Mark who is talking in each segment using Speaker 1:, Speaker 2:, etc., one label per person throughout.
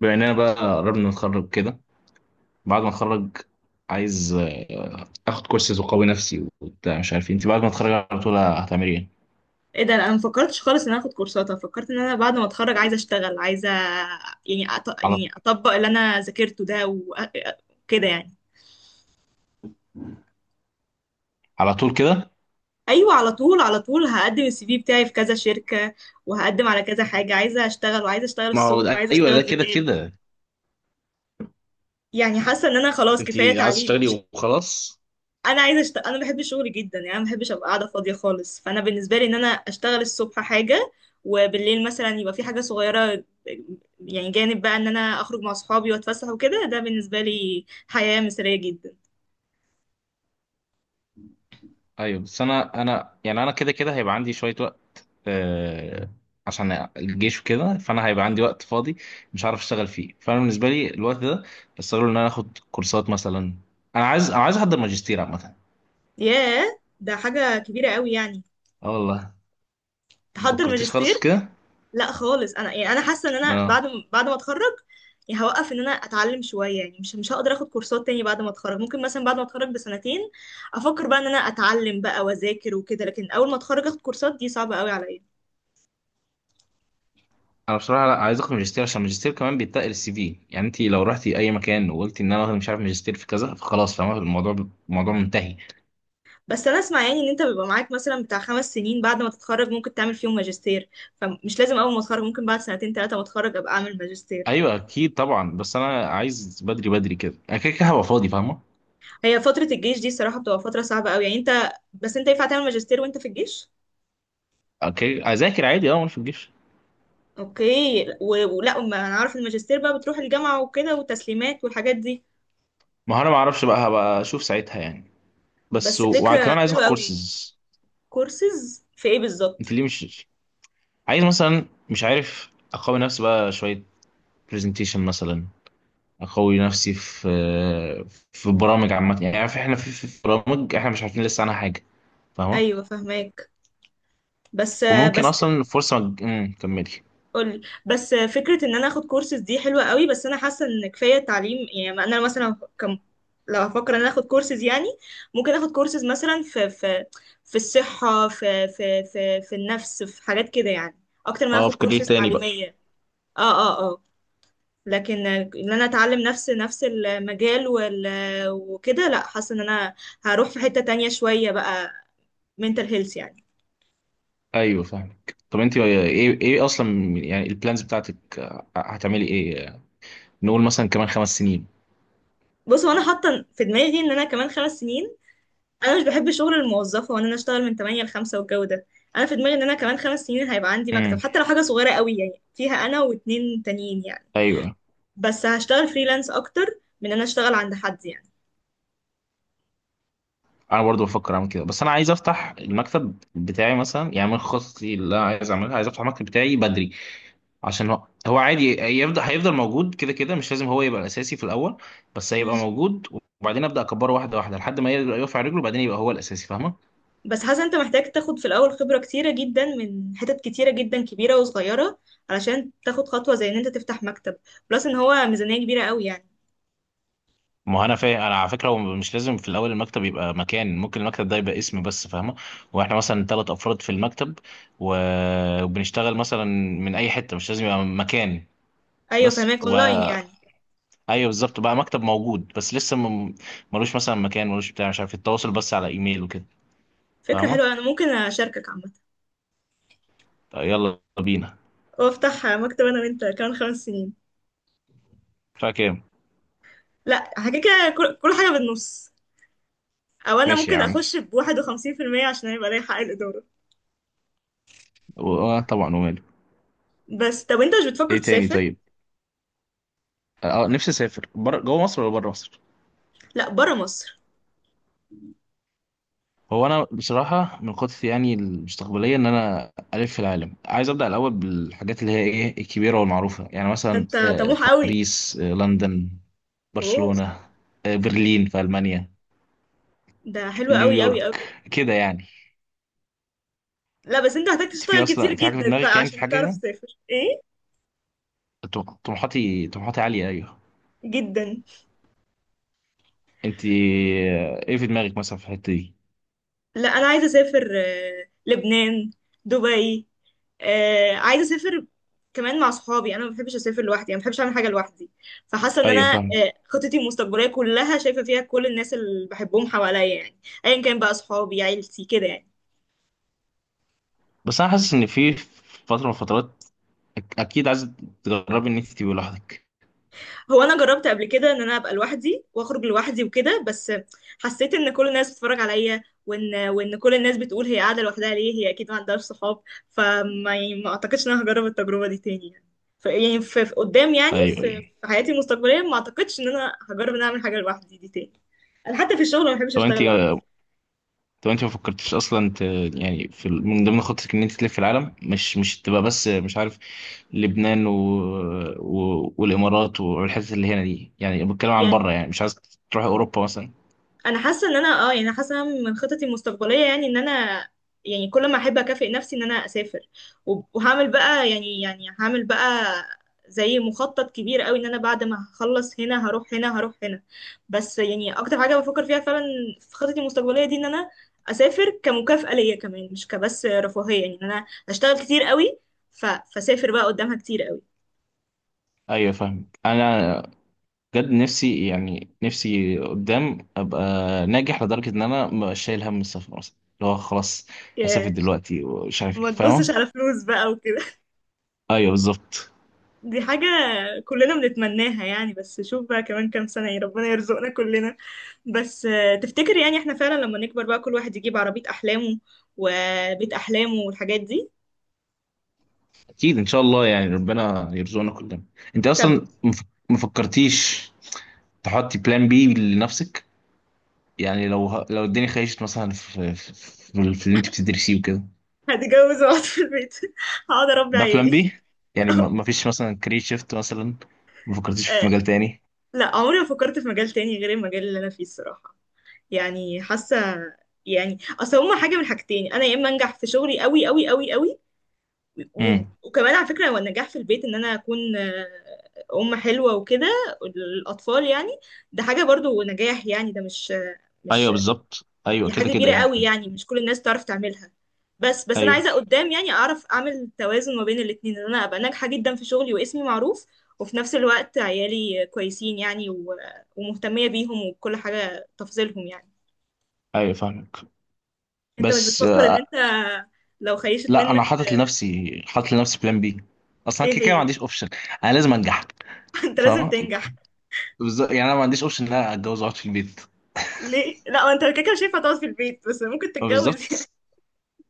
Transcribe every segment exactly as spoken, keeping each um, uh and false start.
Speaker 1: بما اننا بقى قربنا نتخرج كده. بعد ما اتخرج عايز آه، اخد كورسز وقوي نفسي وبتاع مش عارف إيه. انت بعد ما اتخرج على طول هتعملي ايه؟
Speaker 2: ايه ده؟ انا ما فكرتش خالص ان انا اخد كورسات. انا فكرت ان انا بعد ما اتخرج عايزه اشتغل، عايزه يعني أط...
Speaker 1: على
Speaker 2: يعني اطبق اللي انا ذاكرته ده وكده يعني.
Speaker 1: على طول كده.
Speaker 2: ايوه على طول، على طول هقدم السي في بتاعي في كذا شركه، وهقدم على كذا حاجه. عايزه اشتغل وعايزه اشتغل
Speaker 1: ما هو
Speaker 2: الصبح
Speaker 1: ده-
Speaker 2: وعايزه
Speaker 1: ايوه،
Speaker 2: اشتغل
Speaker 1: ده كده
Speaker 2: بالليل.
Speaker 1: كده.
Speaker 2: يعني حاسه ان انا خلاص
Speaker 1: انت
Speaker 2: كفايه
Speaker 1: عايز
Speaker 2: تعليم،
Speaker 1: تشتغلي
Speaker 2: مش...
Speaker 1: وخلاص؟
Speaker 2: انا عايزه أشت... انا بحب شغلي جدا يعني. انا ما بحبش ابقى قاعده فاضيه خالص. فانا بالنسبه لي ان انا اشتغل الصبح حاجه، وبالليل مثلا يبقى في حاجه صغيره. يعني جانب بقى ان انا اخرج مع صحابي واتفسح وكده، ده بالنسبه لي حياه مثاليه جدا.
Speaker 1: ايوه بس انا انا يعني انا كده كده هيبقى عندي شويه وقت. آه. عشان الجيش وكده فانا هيبقى عندي وقت فاضي مش عارف اشتغل فيه. فانا بالنسبه لي الوقت ده بستغله ان انا اخد كورسات مثلا. انا عايز انا عايز احضر ماجستير عامه.
Speaker 2: ياه، ده حاجه كبيره قوي يعني.
Speaker 1: اه والله. ما
Speaker 2: تحضر
Speaker 1: فكرتيش خالص
Speaker 2: ماجستير؟
Speaker 1: في كده.
Speaker 2: لا خالص. انا يعني انا حاسه ان انا
Speaker 1: اه.
Speaker 2: بعد ما- بعد ما اتخرج يعني هوقف ان انا اتعلم شويه يعني. مش مش هقدر اخد كورسات تاني بعد ما اتخرج. ممكن مثلا بعد ما اتخرج بسنتين افكر بقى ان انا اتعلم بقى واذاكر وكده، لكن اول ما اتخرج اخد كورسات دي صعبه قوي عليا.
Speaker 1: انا بصراحه لا، عايز اخد ماجستير عشان الماجستير كمان بيتقل السي في. يعني انت لو رحتي اي مكان وقلتي ان انا واخد مش عارف ماجستير في كذا، فخلاص فاهمه الموضوع. الموضوع منتهي.
Speaker 2: بس انا اسمع يعني ان انت بيبقى معاك مثلا بتاع خمس سنين بعد ما تتخرج ممكن تعمل فيهم ماجستير، فمش لازم اول ما اتخرج، ممكن بعد سنتين ثلاثه ما اتخرج ابقى اعمل ماجستير.
Speaker 1: ايوه اكيد طبعا. بس انا عايز بدري بدري كده، انا كده كده هبقى فاضي فاهمه.
Speaker 2: هي فتره الجيش دي الصراحه بتبقى فتره صعبه قوي يعني. انت بس انت ينفع تعمل ماجستير وانت في الجيش؟
Speaker 1: اوكي اذاكر عادي، اه، وانا في الجيش.
Speaker 2: اوكي. و- ولا، ما انا عارف الماجستير بقى بتروح الجامعة وكده وتسليمات والحاجات دي.
Speaker 1: ما هو انا ما اعرفش بقى، هبقى اشوف ساعتها يعني. بس
Speaker 2: بس
Speaker 1: و- وكمان
Speaker 2: فكرة
Speaker 1: عايز اخد
Speaker 2: حلوة قوي.
Speaker 1: كورسز.
Speaker 2: كورسز في ايه بالظبط؟
Speaker 1: انت ليه مش عايز؟ مثلا مش عارف، اقوي نفسي بقى شويه، برزنتيشن مثلا، اقوي نفسي في في برامج عامه. يعني عارف احنا في في برامج احنا مش عارفين لسه عنها حاجه فاهمه.
Speaker 2: ايوه فهماك، بس
Speaker 1: وممكن
Speaker 2: بس
Speaker 1: اصلا فرصه مج... امم كملي.
Speaker 2: قولي. بس فكرة ان انا اخد كورسز دي حلوة قوي، بس انا حاسة ان كفاية تعليم. يعني ما انا مثلا كم... لو هفكر ان انا اخد كورسز يعني، ممكن اخد كورسز مثلا في في في الصحة، في في في في النفس، في حاجات كده يعني، اكتر ما
Speaker 1: اه،
Speaker 2: اخد
Speaker 1: في كارير
Speaker 2: كورسز
Speaker 1: تاني بقى.
Speaker 2: تعليمية. اه، اه، آه. لكن ان انا اتعلم نفس نفس المجال وال... وكده، لا. حاسه ان انا هروح في حته تانية شويه بقى، mental health يعني.
Speaker 1: ايوه فاهمك. طب انت ايه ايه إيه اصلا يعني البلانز بتاعتك، آه، هتعملي ايه؟ نقول مثلا كمان خمس سنين.
Speaker 2: بص، هو انا حاطه في دماغي ان انا كمان خمس سنين، انا مش بحب شغل الموظفه وان انا اشتغل من ثمانية ل خمسة والجو ده. انا في دماغي ان انا كمان خمس سنين هيبقى عندي مكتب،
Speaker 1: امم.
Speaker 2: حتى لو حاجه صغيره قوي يعني، فيها انا واتنين تانيين يعني.
Speaker 1: ايوه.
Speaker 2: بس هشتغل فريلانس اكتر من ان انا اشتغل عند حد يعني.
Speaker 1: انا برضو بفكر اعمل كده، بس انا عايز افتح المكتب بتاعي مثلا. يعني من خططي اللي انا عايز اعملها، عايز افتح المكتب بتاعي بدري، عشان هو هو عادي يفضل هيفضل موجود كده كده، مش لازم هو يبقى الاساسي في الاول، بس هيبقى موجود. وبعدين ابدا اكبره واحده واحده لحد ما يبقى يقف على رجله، وبعدين يبقى هو الاساسي فاهمه.
Speaker 2: بس حاسه انت محتاج تاخد في الاول خبره كتيره جدا من حتت كتيره جدا، كبيره وصغيره، علشان تاخد خطوه زي ان انت تفتح مكتب. بلس ان هو ميزانيه كبيره قوي يعني.
Speaker 1: ما هو انا فاهم. انا على فكره هو مش لازم في الاول المكتب يبقى مكان، ممكن المكتب ده يبقى اسم بس فاهمه. واحنا مثلا ثلاث افراد في المكتب و- وبنشتغل مثلا من اي حته، مش لازم يبقى مكان.
Speaker 2: ايوه
Speaker 1: بس
Speaker 2: فهماك، اونلاين
Speaker 1: وبقى
Speaker 2: يعني.
Speaker 1: ايوه بالظبط، بقى مكتب موجود بس لسه م- ملوش مثلا مكان، ملوش بتاع مش عارف التواصل بس على ايميل وكده
Speaker 2: فكره
Speaker 1: فاهمه.
Speaker 2: حلوه، انا ممكن اشاركك عامه،
Speaker 1: يلا بينا.
Speaker 2: وافتح مكتب انا وانت كمان خمس سنين.
Speaker 1: فاكر؟
Speaker 2: لا حاجه كده، كل كل حاجه بالنص، او انا
Speaker 1: ماشي يا
Speaker 2: ممكن
Speaker 1: عم.
Speaker 2: اخش بواحد وخمسين في المية عشان يبقى ليا حق الاداره.
Speaker 1: و- اه طبعا وماله.
Speaker 2: بس طب انت مش بتفكر
Speaker 1: ايه تاني
Speaker 2: تسافر؟
Speaker 1: طيب. اه، نفسي اسافر بره. جوه مصر ولا بره مصر؟
Speaker 2: لا، برا مصر.
Speaker 1: هو انا بصراحه من خططي يعني المستقبليه ان انا الف في العالم، عايز ابدا الاول بالحاجات اللي هي ايه الكبيره والمعروفه، يعني
Speaker 2: ده
Speaker 1: مثلا
Speaker 2: انت
Speaker 1: آه
Speaker 2: طموح قوي.
Speaker 1: باريس، آه لندن،
Speaker 2: اوه.
Speaker 1: برشلونه، آه برلين في المانيا،
Speaker 2: ده حلو قوي قوي قوي.
Speaker 1: نيويورك كده يعني.
Speaker 2: لا بس انت هتحتاج
Speaker 1: انت في
Speaker 2: تشتغل كتير
Speaker 1: اصلا في حاجه في
Speaker 2: جدا بقى
Speaker 1: دماغك؟ يعني في
Speaker 2: عشان
Speaker 1: حاجه
Speaker 2: تعرف
Speaker 1: كده؟
Speaker 2: تسافر، ايه،
Speaker 1: طم- طموحاتي طموحاتي عاليه ايوه.
Speaker 2: جدا.
Speaker 1: انت آه، ايه في دماغك مثلا في الحته دي؟
Speaker 2: لا انا عايزه اسافر آه، لبنان، دبي. آه، عايزه اسافر كمان مع صحابي. انا ما بحبش اسافر لوحدي، انا ما بحبش اعمل حاجه لوحدي. فحاسه ان
Speaker 1: ايوه
Speaker 2: انا،
Speaker 1: فاهم.
Speaker 2: آه، خطتي المستقبليه كلها شايفه فيها كل الناس اللي بحبهم حواليا يعني. ايا كان بقى، صحابي، عيلتي كده يعني.
Speaker 1: بس انا حاسس ان في فتره من الفترات أك- اكيد عايز تجربي ان انت تبقي لوحدك.
Speaker 2: هو انا جربت قبل كده ان انا ابقى لوحدي واخرج لوحدي وكده، بس حسيت ان كل الناس بتتفرج عليا، وان وان كل الناس بتقول هي قاعده لوحدها ليه، هي اكيد ما عندهاش صحاب. فما يعني ما اعتقدش ان انا هجرب التجربه دي تاني يعني. ف يعني في في قدام يعني
Speaker 1: ايوه
Speaker 2: في
Speaker 1: ايوه.
Speaker 2: في حياتي المستقبليه ما اعتقدش ان انا هجرب ان أنا اعمل حاجه لوحدي دي تاني. انا حتى في الشغل ما بحبش
Speaker 1: طب انت
Speaker 2: اشتغل لوحدي.
Speaker 1: طب انت ما فكرتش اصلا ت... يعني في ال- من ضمن خطتك ان انت تلف العالم، مش مش تبقى بس مش عارف لبنان و... و... والامارات والحتت اللي هنا دي. يعني بتكلم عن بره، يعني مش عايز تروح اوروبا مثلا؟
Speaker 2: انا حاسه ان انا اه يعني، أنا حاسه إن من خططي المستقبليه يعني ان انا، يعني كل ما احب اكافئ نفسي ان انا اسافر، وب- وهعمل بقى يعني يعني هعمل بقى زي مخطط كبير قوي ان انا بعد ما هخلص هنا هروح هنا، هروح هنا. بس يعني اكتر حاجه بفكر فيها فعلا في خططي المستقبليه دي، ان انا اسافر كمكافاه ليا كمان، مش كبس رفاهيه يعني، إن انا اشتغل كتير قوي ف... فسافر بقى قدامها كتير قوي.
Speaker 1: ايوه فاهم انا. بجد نفسي، يعني نفسي قدام ابقى ناجح لدرجه ان انا مبقاش شايل هم السفر مثلا، اللي هو خلاص هسافر
Speaker 2: ياه،
Speaker 1: دلوقتي ومش عارف إيه.
Speaker 2: ما
Speaker 1: فاهمه؟
Speaker 2: تبصش على فلوس بقى.
Speaker 1: ايوه بالظبط.
Speaker 2: دي حاجة كلنا بنتمناها يعني، بس شوف بقى كمان كام سنة، ايه، ربنا يرزقنا كلنا. بس آه، تفتكر يعني احنا فعلا لما نكبر بقى كل واحد يجيب عربية أحلامه وبيت أحلامه والحاجات دي؟
Speaker 1: اكيد ان شاء الله، يعني ربنا يرزقنا كلنا. انت
Speaker 2: طب
Speaker 1: اصلا مف- ما فكرتيش تحطي بلان بي لنفسك؟ يعني لو ه- لو الدنيا خيشت مثلا في في, في, في اللي انت بتدرسيه وكده،
Speaker 2: هتجوز واقعد في البيت هقعد أربي
Speaker 1: ده بلان
Speaker 2: عيالي.
Speaker 1: بي يعني؟ ما ما فيش مثلا كارير شيفت مثلا؟ ما فكرتيش في
Speaker 2: آه،
Speaker 1: مجال تاني؟
Speaker 2: لا، عمري ما فكرت في مجال تاني غير المجال اللي أنا فيه الصراحة. يعني حاسة، يعني اصل هما حاجة من حاجتين: انا يا اما انجح في شغلي قوي قوي قوي قوي، و-
Speaker 1: امم.
Speaker 2: وكمان على فكرة، هو النجاح في البيت ان انا اكون آه، ام حلوة وكده، الاطفال يعني، ده حاجة برضو نجاح يعني، ده مش آه،
Speaker 1: ايوه
Speaker 2: مش...
Speaker 1: بالظبط. ايوه
Speaker 2: دي
Speaker 1: كده
Speaker 2: حاجة
Speaker 1: كده
Speaker 2: كبيرة قوي
Speaker 1: يعني.
Speaker 2: يعني، مش كل الناس تعرف تعملها. بس بس انا
Speaker 1: ايوه
Speaker 2: عايزة قدام يعني اعرف اعمل توازن ما بين الاتنين، ان انا ابقى ناجحة جدا في شغلي واسمي معروف، وفي نفس الوقت عيالي كويسين يعني، و- ومهتمية بيهم وكل حاجة تفضلهم يعني.
Speaker 1: ايوه فاهمك.
Speaker 2: انت مش
Speaker 1: بس
Speaker 2: بتفكر ان
Speaker 1: آه،
Speaker 2: انت، لو خيشت
Speaker 1: لا، انا
Speaker 2: منك؟
Speaker 1: حاطط لنفسي، حاطط لنفسي بلان بي اصلا،
Speaker 2: ايه
Speaker 1: كده كده ما
Speaker 2: هي؟
Speaker 1: عنديش اوبشن. انا لازم انجح
Speaker 2: انت لازم
Speaker 1: فاهم.
Speaker 2: تنجح.
Speaker 1: بالظبط، يعني انا ما عنديش اوبشن ان انا اتجوز واقعد في البيت.
Speaker 2: ليه لا، هو انت كده كده مش هينفع تقعد في البيت، بس ممكن تتجوز يعني.
Speaker 1: بالظبط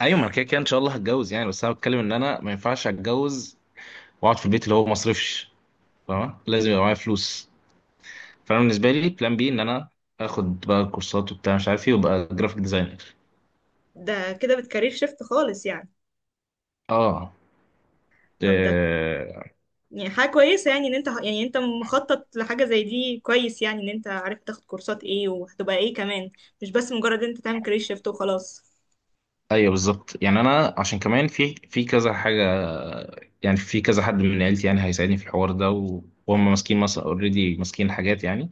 Speaker 1: ايوه. ما انا كده كده ان شاء الله هتجوز يعني، بس انا بتكلم ان انا ما ينفعش اتجوز واقعد في البيت اللي هو ما اصرفش فاهم، لازم يبقى معايا فلوس. فانا بالنسبه لي بلان بي ان انا اخد بقى كورسات وبتاع مش عارف ايه، وابقى جرافيك ديزاينر.
Speaker 2: ده كده بتكارير شيفت خالص يعني.
Speaker 1: اه.
Speaker 2: طب ده
Speaker 1: إيه،
Speaker 2: يعني حاجة كويسة يعني، ان انت يعني، انت مخطط لحاجة زي دي كويس يعني، ان انت عارف تاخد كورسات ايه وهتبقى ايه كمان، مش بس مجرد ان انت تعمل كارير شيفت وخلاص.
Speaker 1: ايوه بالظبط. يعني انا عشان كمان في في كذا حاجه، يعني في كذا حد من عيلتي يعني هيساعدني في الحوار ده، و- وهم ماسكين مثلا اوريدي ماسكين حاجات يعني،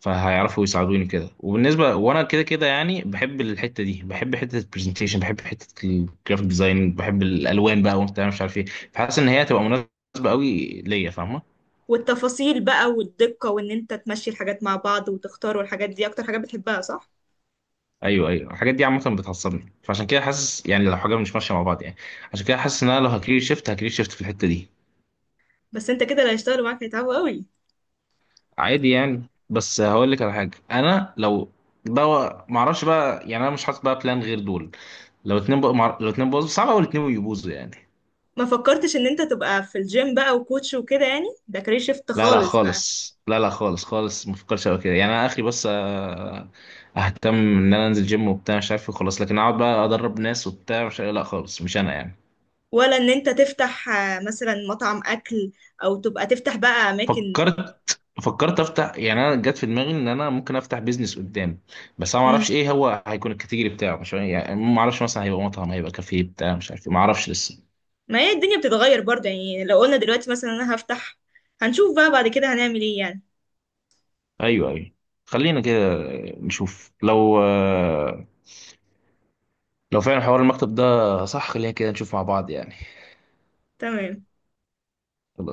Speaker 1: فهيعرفوا يساعدوني كده. وبالنسبه وانا كده كده يعني بحب الحته دي، بحب حته البرزنتيشن، بحب حته الجرافيك ديزاين، بحب الالوان بقى وبتاع مش عارف ايه، فحاسس ان هي هتبقى مناسبه قوي ليا فاهمه.
Speaker 2: والتفاصيل بقى والدقة وان انت تمشي الحاجات مع بعض وتختار والحاجات دي اكتر حاجة بتحبها، صح؟
Speaker 1: ايوه ايوه. الحاجات دي عامه بتعصبني، فعشان كده حاسس يعني لو حاجه مش ماشيه مع بعض يعني، عشان كده حاسس ان انا لو هكريت شيفت هكريت شيفت في الحته دي.
Speaker 2: بس انت كده اللي هيشتغلوا معاك هيتعبوا قوي.
Speaker 1: عادي يعني. بس هقول لك على حاجه، انا لو ده ما اعرفش بقى يعني، انا مش حاطط بقى بلان غير دول. لو اتنين بقى مع... لو اتنين باظوا، صعب قوي الاتنين يبوظوا يعني.
Speaker 2: ما فكرتش ان انت تبقى في الجيم بقى وكوتش وكده يعني ده كارير شيفت
Speaker 1: لا لا
Speaker 2: خالص بقى؟
Speaker 1: خالص، لا لا خالص خالص، ما بفكرش قوي كده يعني. انا اخري بس آه، اهتم ان انا انزل جيم وبتاع مش عارف إيه خلاص، لكن اقعد بقى ادرب ناس وبتاع مش، لا خالص مش انا يعني.
Speaker 2: ولا ان انت تفتح آه، مثلا مطعم اكل، او تبقى تفتح بقى اماكن؟
Speaker 1: فكرت فكرت افتح، يعني انا جت في دماغي ان انا ممكن افتح بيزنس قدام. بس انا ما اعرفش
Speaker 2: مم.
Speaker 1: ايه هو هيكون الكاتيجوري بتاعه، مش عارف- يعني ما اعرفش مثلا هيبقى مطعم، هيبقى كافيه بتاع مش عارف إيه، ما اعرفش لسه.
Speaker 2: ما هي الدنيا بتتغير برضه يعني، لو قلنا دلوقتي مثلا انا هفتح، هنشوف بقى بعد كده هنعمل ايه يعني.
Speaker 1: ايوه ايوه. خلينا كده نشوف لو آه، لو فعلا حوار المكتب ده صح، خلينا كده نشوف مع بعض يعني.
Speaker 2: تمام.